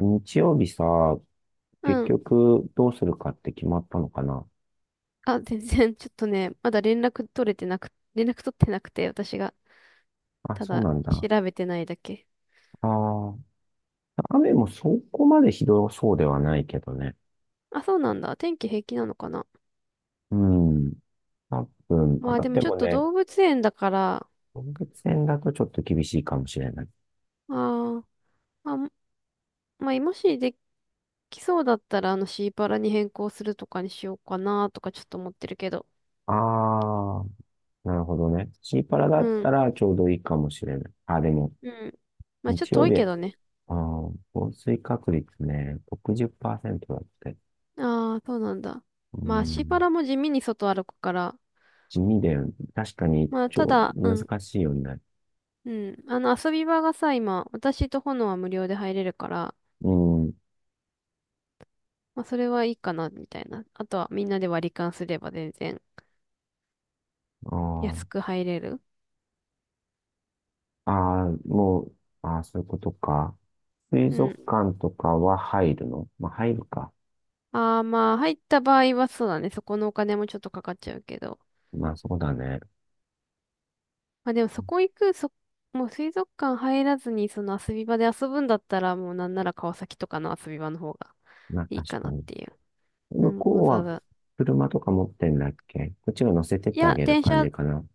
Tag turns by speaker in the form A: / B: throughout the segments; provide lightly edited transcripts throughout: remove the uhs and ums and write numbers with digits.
A: 日曜日さ、結
B: うん。
A: 局どうするかって決まったのかな？
B: あ、全然、ちょっとね、まだ連絡取れてなく、連絡取ってなくて、私が、
A: あ、
B: た
A: そう
B: だ、
A: なんだ。
B: 調べてないだけ。
A: ああ、雨もそこまでひどそうではないけどね。
B: あ、そうなんだ。天気平気なのかな。
A: うん。多分、
B: ま
A: あ、
B: あ、でも
A: で
B: ちょっ
A: も
B: と
A: ね、
B: 動物園だから、
A: 動物園だとちょっと厳しいかもしれない。
B: あーまあ、まあ、もしできそうだったら、シーパラに変更するとかにしようかな、とかちょっと思ってるけど。
A: ああ、なるほどね。シーパラだ
B: う
A: っ
B: ん、
A: たらちょうどいいかもしれない。あ、でも、
B: うん。まあ、ちょっ
A: 日
B: と
A: 曜
B: 遠いけ
A: 日、
B: どね。
A: 降水確率ね、60%だって。
B: ああ、そうなんだ。
A: う
B: まあ、シーパ
A: ん、
B: ラも地味に外歩くから、
A: 地味で、確かに、
B: まあ、ただ、うん、
A: 難しいよね。
B: うん。あの、遊び場がさ、今、私と炎は無料で入れるから、
A: うん。
B: まあ、それはいいかな、みたいな。あとは、みんなで割り勘すれば全然安
A: あ
B: く入れる。
A: あ、ああもう、ああ、そういうことか。水
B: う
A: 族
B: ん。
A: 館とかは入るのまあ、入るか。
B: ああ、まあ、入った場合はそうだね。そこのお金もちょっとかかっちゃうけど。
A: まあ、そうだね。
B: まあ、でも、そこ行く、そ、もう水族館入らずに、その遊び場で遊ぶんだったら、もうなんなら川崎とかの遊び場の方が
A: まあ、
B: いい
A: 確
B: か
A: か
B: なっ
A: に。
B: ていう。う
A: 向
B: ん、
A: こ
B: わ
A: う
B: ざわ
A: は
B: ざ。
A: 車とか持ってんだっけ？こっちが乗せてっ
B: い
A: てあ
B: や、
A: げる
B: 電
A: 感
B: 車
A: じかな？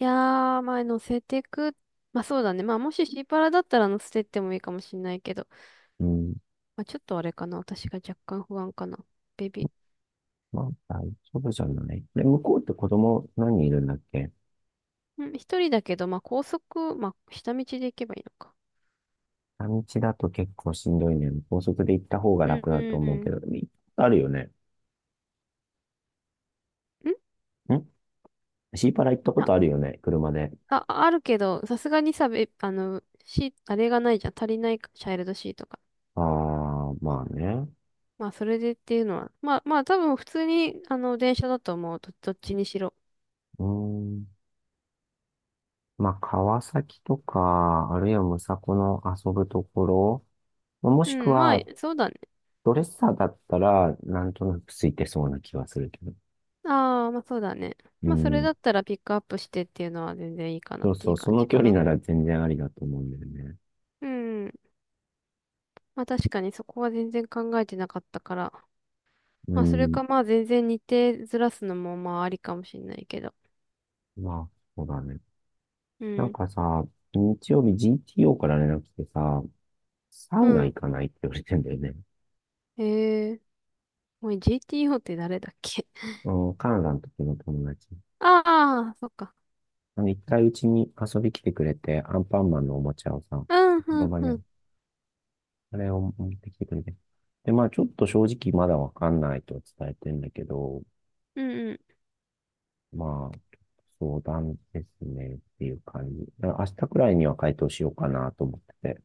B: いやー、まあ、乗せてく。まあ、そうだね。まあ、もしシーパラだったら乗せてってもいいかもしんないけど。
A: うん。
B: まあ、ちょっとあれかな。私が若干不安かな。ベビ
A: まあ、大丈夫じゃない。で、向こうって子供何人いるんだっけ？
B: ー。うん、一人だけど、まあ、高速、まあ、下道で行けばいいのか。
A: 半日だと結構しんどいね。高速で行った方が
B: うん、
A: 楽
B: う
A: だと思うけ
B: ん、
A: ど、あるよね。
B: うん。ん
A: んシーパラ行ったことあるよね、車で。
B: あ、あ、あるけど、さすがにさ、べ、あの、シー、あれがないじゃん。足りないか、チャイルドシートが。
A: ああ、まあね。
B: まあ、それでっていうのは。まあ、多分普通に、電車だと思う。どっちにしろ。
A: うーん。まあ、川崎とか、あるいはむさこの遊ぶところ、まあも
B: う
A: しく
B: ん、まあ、
A: は、
B: そうだね。
A: ドレッサーだったら、なんとなくついてそうな気はするけど。
B: ああ、まあそうだね。
A: う
B: まあそれ
A: ん。
B: だったらピックアップしてっていうのは全然いいかな
A: そ
B: っ
A: う
B: て
A: そ
B: い
A: う、
B: う
A: そ
B: 感
A: の
B: じ
A: 距
B: か
A: 離
B: な。
A: なら全然ありだと思うんだよね。
B: うん。まあ確かにそこは全然考えてなかったから。
A: う
B: まあそれ
A: ん。
B: かまあ全然日程ずらすのもまあありかもしんないけど。
A: まあ、そうだね。
B: う
A: なん
B: ん。
A: かさ、日曜日 GTO から連絡来てさ、サ
B: う
A: ウナ行
B: ん。
A: かないって言われてんだよね。
B: ええー。おい、GTO って誰だっけ？
A: うん、カナダの時の友達。
B: ああ、そっか。
A: あの、一回うちに遊び来てくれて、アンパンマンのおもちゃをさ、
B: うん、う
A: ロ
B: ん、
A: バニ
B: う
A: ャ
B: ん。
A: あれを持ってきてくれて。で、まあ、ちょっと正直まだわかんないと伝えてんだけど、
B: うん、う
A: まあ、相談ですねっていう感じ。だから明日くらいには回答しようかなと思ってて。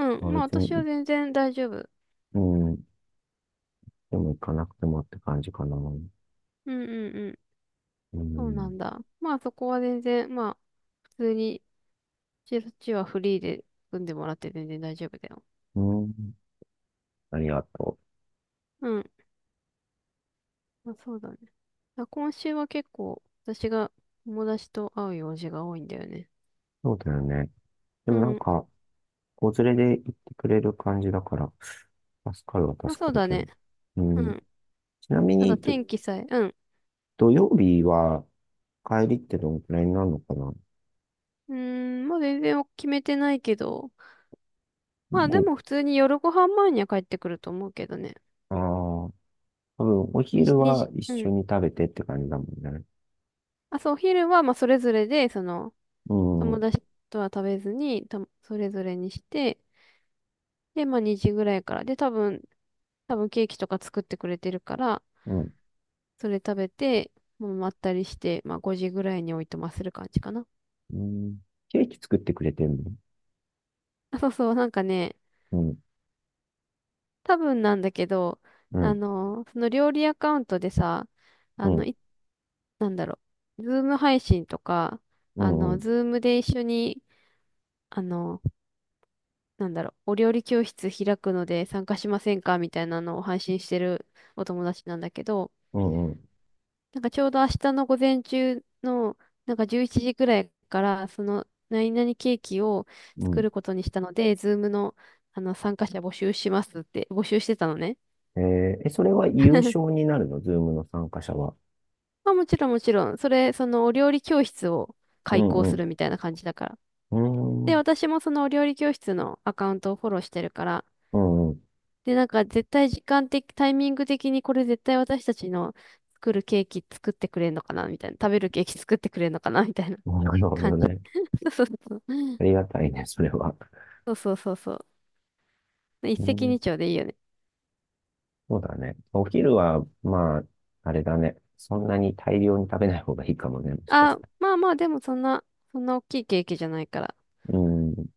B: ん。う
A: まあ、
B: ん。まあ
A: 別
B: 私
A: に、
B: は全然大丈夫。
A: うん、でも行かなくてもって感じかな。う
B: うん、うん、うん。そうな
A: ん、
B: んだ。まあそこは全然、まあ普通に、そっちはフリーで組んでもらって全然大丈夫だよ。
A: うん、ありがとう。
B: うん。まあ、そうだね。あ、今週は結構私が友達と会う用事が多いんだよね。
A: そうだよね。で
B: う
A: もなん
B: ん。
A: か、子連れで行ってくれる感じだから、助かるは
B: まあ
A: 助
B: そ
A: か
B: う
A: る
B: だ
A: けど。
B: ね。
A: う
B: う
A: ん、
B: ん。
A: ちなみ
B: ただ
A: に、
B: 天気さえ、うん。
A: 土曜日は帰りってどのくらいになるのかな？
B: うーん、まあ全然決めてないけど。まあで
A: ご、
B: も普通に夜ご飯前には帰ってくると思うけどね。
A: ああ、多分お
B: にじ、
A: 昼
B: に
A: は
B: じ、
A: 一
B: う
A: 緒
B: ん。
A: に食べてって感じだもんね。
B: あ、そう、お昼はまあそれぞれで、
A: う
B: 友
A: ん、
B: 達とは食べずに、それぞれにして、で、まあ2時ぐらいから。で、多分ケーキとか作ってくれてるから、
A: うん、
B: それ食べて、もうまったりして、まあ5時ぐらいにおいとまする感じかな。
A: うん。ケーキ作ってくれてんの？
B: あ、そうそう、なんかね、
A: うん、
B: 多分なんだけど、
A: う
B: あ
A: ん、
B: の、その料理アカウントでさ、
A: う
B: あの、
A: ん、
B: い、なんだろう、ズーム配信とか、
A: う
B: あ
A: ん、う
B: の、
A: ん、
B: ズームで一緒に、あの、なんだろう、お料理教室開くので参加しませんかみたいなのを配信してるお友達なんだけど、
A: うん、うん。
B: なんかちょうど明日の午前中の、なんか11時ぐらいから、その、何々ケーキを
A: う
B: 作
A: ん。
B: ることにしたので、ズームの、あの、参加者募集しますって、募集してたのね。
A: ええ、それは優勝になるの？ズームの参加者は？
B: まあもちろんもちろん、そのお料理教室を
A: う
B: 開
A: ん、
B: 講
A: う
B: す
A: ん、
B: るみたいな感じだから。
A: う
B: で、
A: ん、
B: 私もそのお料理教室のアカウントをフォローしてるから、
A: うん、う
B: で、なんか絶対時間的、タイミング的にこれ絶対私たちの作るケーキ作ってくれんのかなみたいな、食べるケーキ作ってくれんのかなみたいな
A: ん。なるほ
B: 感
A: ど
B: じ。
A: ね。
B: そうそうそう。
A: ありがたいね、それは。
B: そうそうそうそう。ね一
A: う
B: 石
A: ん、
B: 二鳥でいいよね。
A: そうだね。お昼は、まあ、あれだね。そんなに大量に食べない方がいいかもね、もしかし
B: あ、
A: た
B: まあまあ、でもそんな、そんな大きいケーキじゃないから。
A: ら。うん。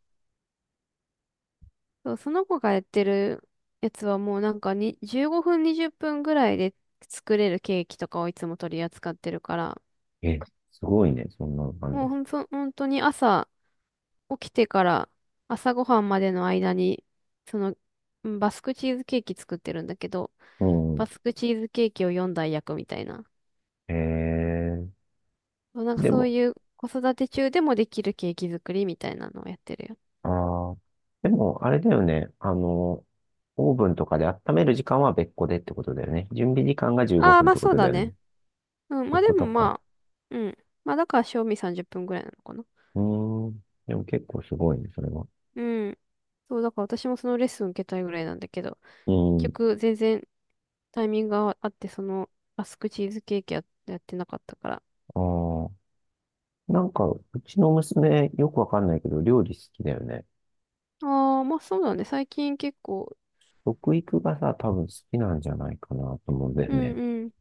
B: そう、その子がやってるやつはもうなんかに15分20分ぐらいで作れるケーキとかをいつも取り扱ってるから、
A: え、すごいね、そんなの
B: もうほんと、本当に朝起きてから朝ごはんまでの間に、その、うんバスクチーズケーキ作ってるんだけど、
A: う
B: バ
A: ん。
B: スクチーズケーキを4台焼くみたいな。
A: ええ
B: そう、なんか
A: で
B: そう
A: も、
B: いう子育て中でもできるケーキ作りみたいなのをやってるよ。
A: ああ、でも、あれだよね。あの、オーブンとかで温める時間は別個でってことだよね。準備時間が15
B: ああ、
A: 分っ
B: まあ
A: てこ
B: そう
A: とだ
B: だ
A: よね。そ
B: ね。うん、
A: う
B: ま
A: いう
B: あで
A: こ
B: も
A: とか。
B: まあ、うん。まあだから、賞味30分ぐらいなのかな。
A: うーん。でも結構すごいね、それは。
B: うん。そう、だから私もそのレッスン受けたいぐらいなんだけど、
A: う
B: 結
A: ん。
B: 局全然タイミングがあって、そのアスクチーズケーキや、やってなかったから。
A: ああ。なんか、うちの娘、よくわかんないけど、料理好きだよね。
B: ああ、まあそうだね。最近結構、
A: 食育がさ、多分好きなんじゃないかなと思うんだよ
B: うん
A: ね。
B: うん。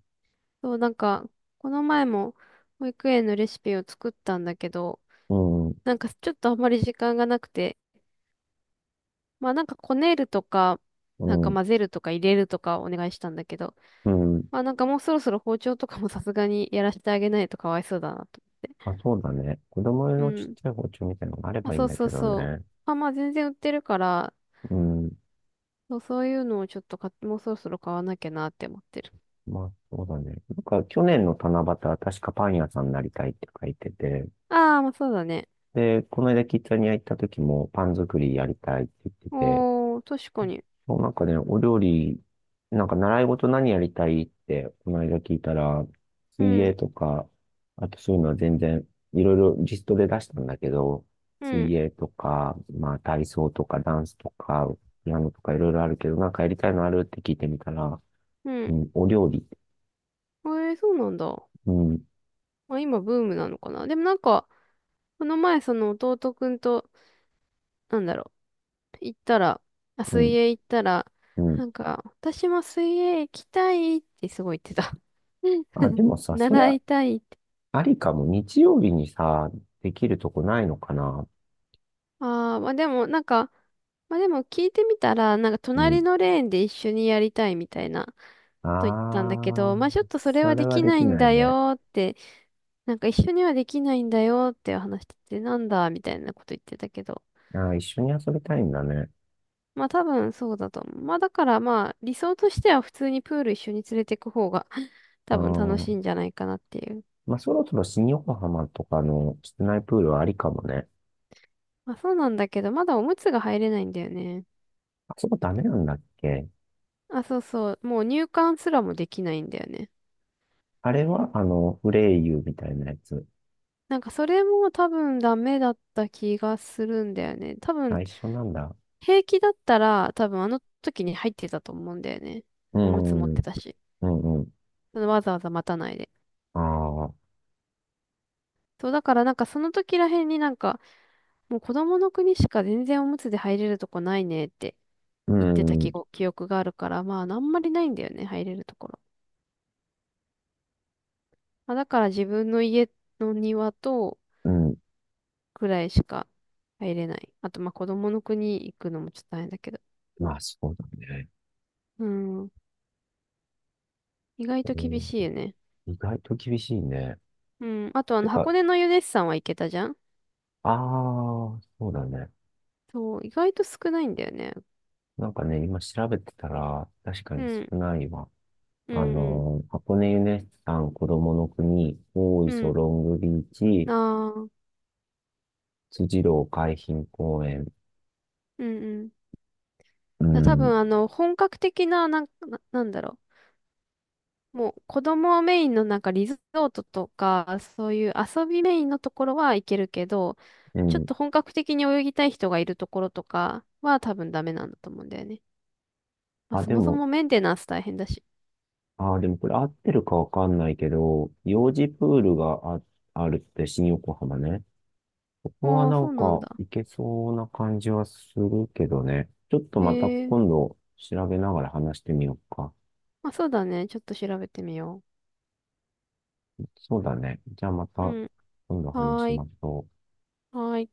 B: そう、なんか、この前も保育園のレシピを作ったんだけど、
A: うん。
B: なんかちょっとあんまり時間がなくて、まあなんかこねるとか、
A: う
B: なんか
A: ん。
B: 混ぜるとか入れるとかお願いしたんだけど、
A: うん。
B: まあなんかもうそろそろ包丁とかもさすがにやらせてあげないとかわいそうだなと思って。
A: あ、そうだね。子供用
B: う
A: のちっ
B: ん。
A: ちゃい包丁みたいなのがあれ
B: まあ、
A: ばいい
B: そ
A: ん
B: う
A: だ
B: そう
A: けど
B: そう。
A: ね。
B: あ、まあ全然売ってるから、
A: うん。
B: そう、そういうのをちょっと買って、もうそろそろ買わなきゃなって思ってる。
A: まあ、そうだね。なんか、去年の七夕は確かパン屋さんになりたいって書いてて、
B: ああ、まあそうだね。
A: で、この間キッザニア行った時もパン作りやりたいって言ってて、
B: おー、確かに。
A: もうなんかね、お料理、なんか習い事何やりたいって、この間聞いたら、
B: う
A: 水泳
B: ん、
A: とか、あとそういうのは全然、いろいろリストで出したんだけど、
B: うん、
A: 水泳とか、まあ体操とかダンスとか、ピアノとかいろいろあるけど、なんかやりたいのあるって聞いてみたら、
B: う
A: う
B: ん。
A: ん、お料理、
B: えー、そうなんだ。
A: うん、
B: まあ今ブームなのかな。でもなんか、この前その弟くんと、なんだろう、行ったら、あ、
A: う
B: 水
A: ん、
B: 泳行ったら、
A: うん。
B: なんか、私も水泳行きたいってすごい言ってた。
A: あ、で もさ、それ
B: 習
A: は
B: いたいって。
A: ありかも。日曜日にさ、できるとこないのかな？
B: ああ、まあでもなんか、まあでも聞いてみたら、なんか
A: う
B: 隣
A: ん。
B: のレーンで一緒にやりたいみたいな
A: あ
B: こと言ったんだけど、
A: あ、
B: まあちょっとそれ
A: そ
B: は
A: れ
B: で
A: は
B: き
A: で
B: な
A: き
B: いん
A: ない
B: だ
A: ね。
B: よって、なんか一緒にはできないんだよって話してて、なんだみたいなこと言ってたけど。
A: ああ、一緒に遊びたいんだね。
B: まあ多分そうだと思う。まあだからまあ理想としては普通にプール一緒に連れてく方が
A: う
B: 多分楽しい
A: ん。
B: んじゃないかなっていう。
A: まあ、そろそろ新横浜とかの室内プールはありかもね。
B: まあそうなんだけど、まだおむつが入れないんだよね。
A: あそこダメなんだっけ？
B: あ、そうそう。もう入館すらもできないんだよね。
A: あれは、あの、フレイユみたいなやつ。
B: なんかそれも多分ダメだった気がするんだよね。多
A: あ、
B: 分
A: 一緒なんだ。
B: 平気だったら多分あの時に入ってたと思うんだよね。
A: う
B: おむつ持っ
A: ん、
B: て
A: う
B: たし。
A: ん、うん。
B: そのわざわざ待たないで。
A: ああ、
B: そうだからなんかその時らへんになんかもう子供の国しか全然おむつで入れるとこないねって
A: う
B: 言ってた記
A: ん、
B: 憶、記憶があるからまああんまりないんだよね入れるところ。まあ、だから自分の家の庭と
A: うん。
B: くらいしか入れない。あと、まあ、子供の国行くのもちょっと大変だけど。
A: まあ、そうだね。
B: うん。意外と
A: う
B: 厳
A: ん、
B: しいよね。
A: 意外と厳しいね。
B: うん。あと、あ
A: て
B: の、
A: か、
B: 箱根のユネッサンは行けたじゃん？
A: ああ、そうだね。
B: そう、意外と少ないんだよね。
A: なんかね、今調べてたら、確か
B: う
A: に
B: ん。
A: 少ないわ。
B: うん、うん。
A: 箱根ユネスさん、子供の国、大
B: う
A: 磯
B: ん。
A: ロングビーチ、
B: ああ。
A: 辻堂海浜公園。
B: うん、うん。
A: う
B: だ多分、
A: ん、
B: 本格的な、なんだろう。もう、子供メインのなんかリゾートとか、そういう遊びメインのところは行けるけど、
A: う
B: ちょっ
A: ん。
B: と本格的に泳ぎたい人がいるところとかは多分ダメなんだと思うんだよね。まあ、
A: あ、
B: そ
A: で
B: もそ
A: も、
B: もメンテナンス大変だし。
A: あー、でもこれ合ってるかわかんないけど、幼児プールがあるって新横浜ね。ここは
B: ああ、
A: な
B: そ
A: ん
B: うなん
A: か
B: だ。
A: 行けそうな感じはするけどね。ちょっとまた
B: へえ。
A: 今度調べながら話してみようか。
B: まあ、そうだね。ちょっと調べてみよ
A: そうだね。じゃあま
B: う。
A: た
B: うん。
A: 今度話
B: は
A: し
B: ーい。
A: ましょう。
B: はーい。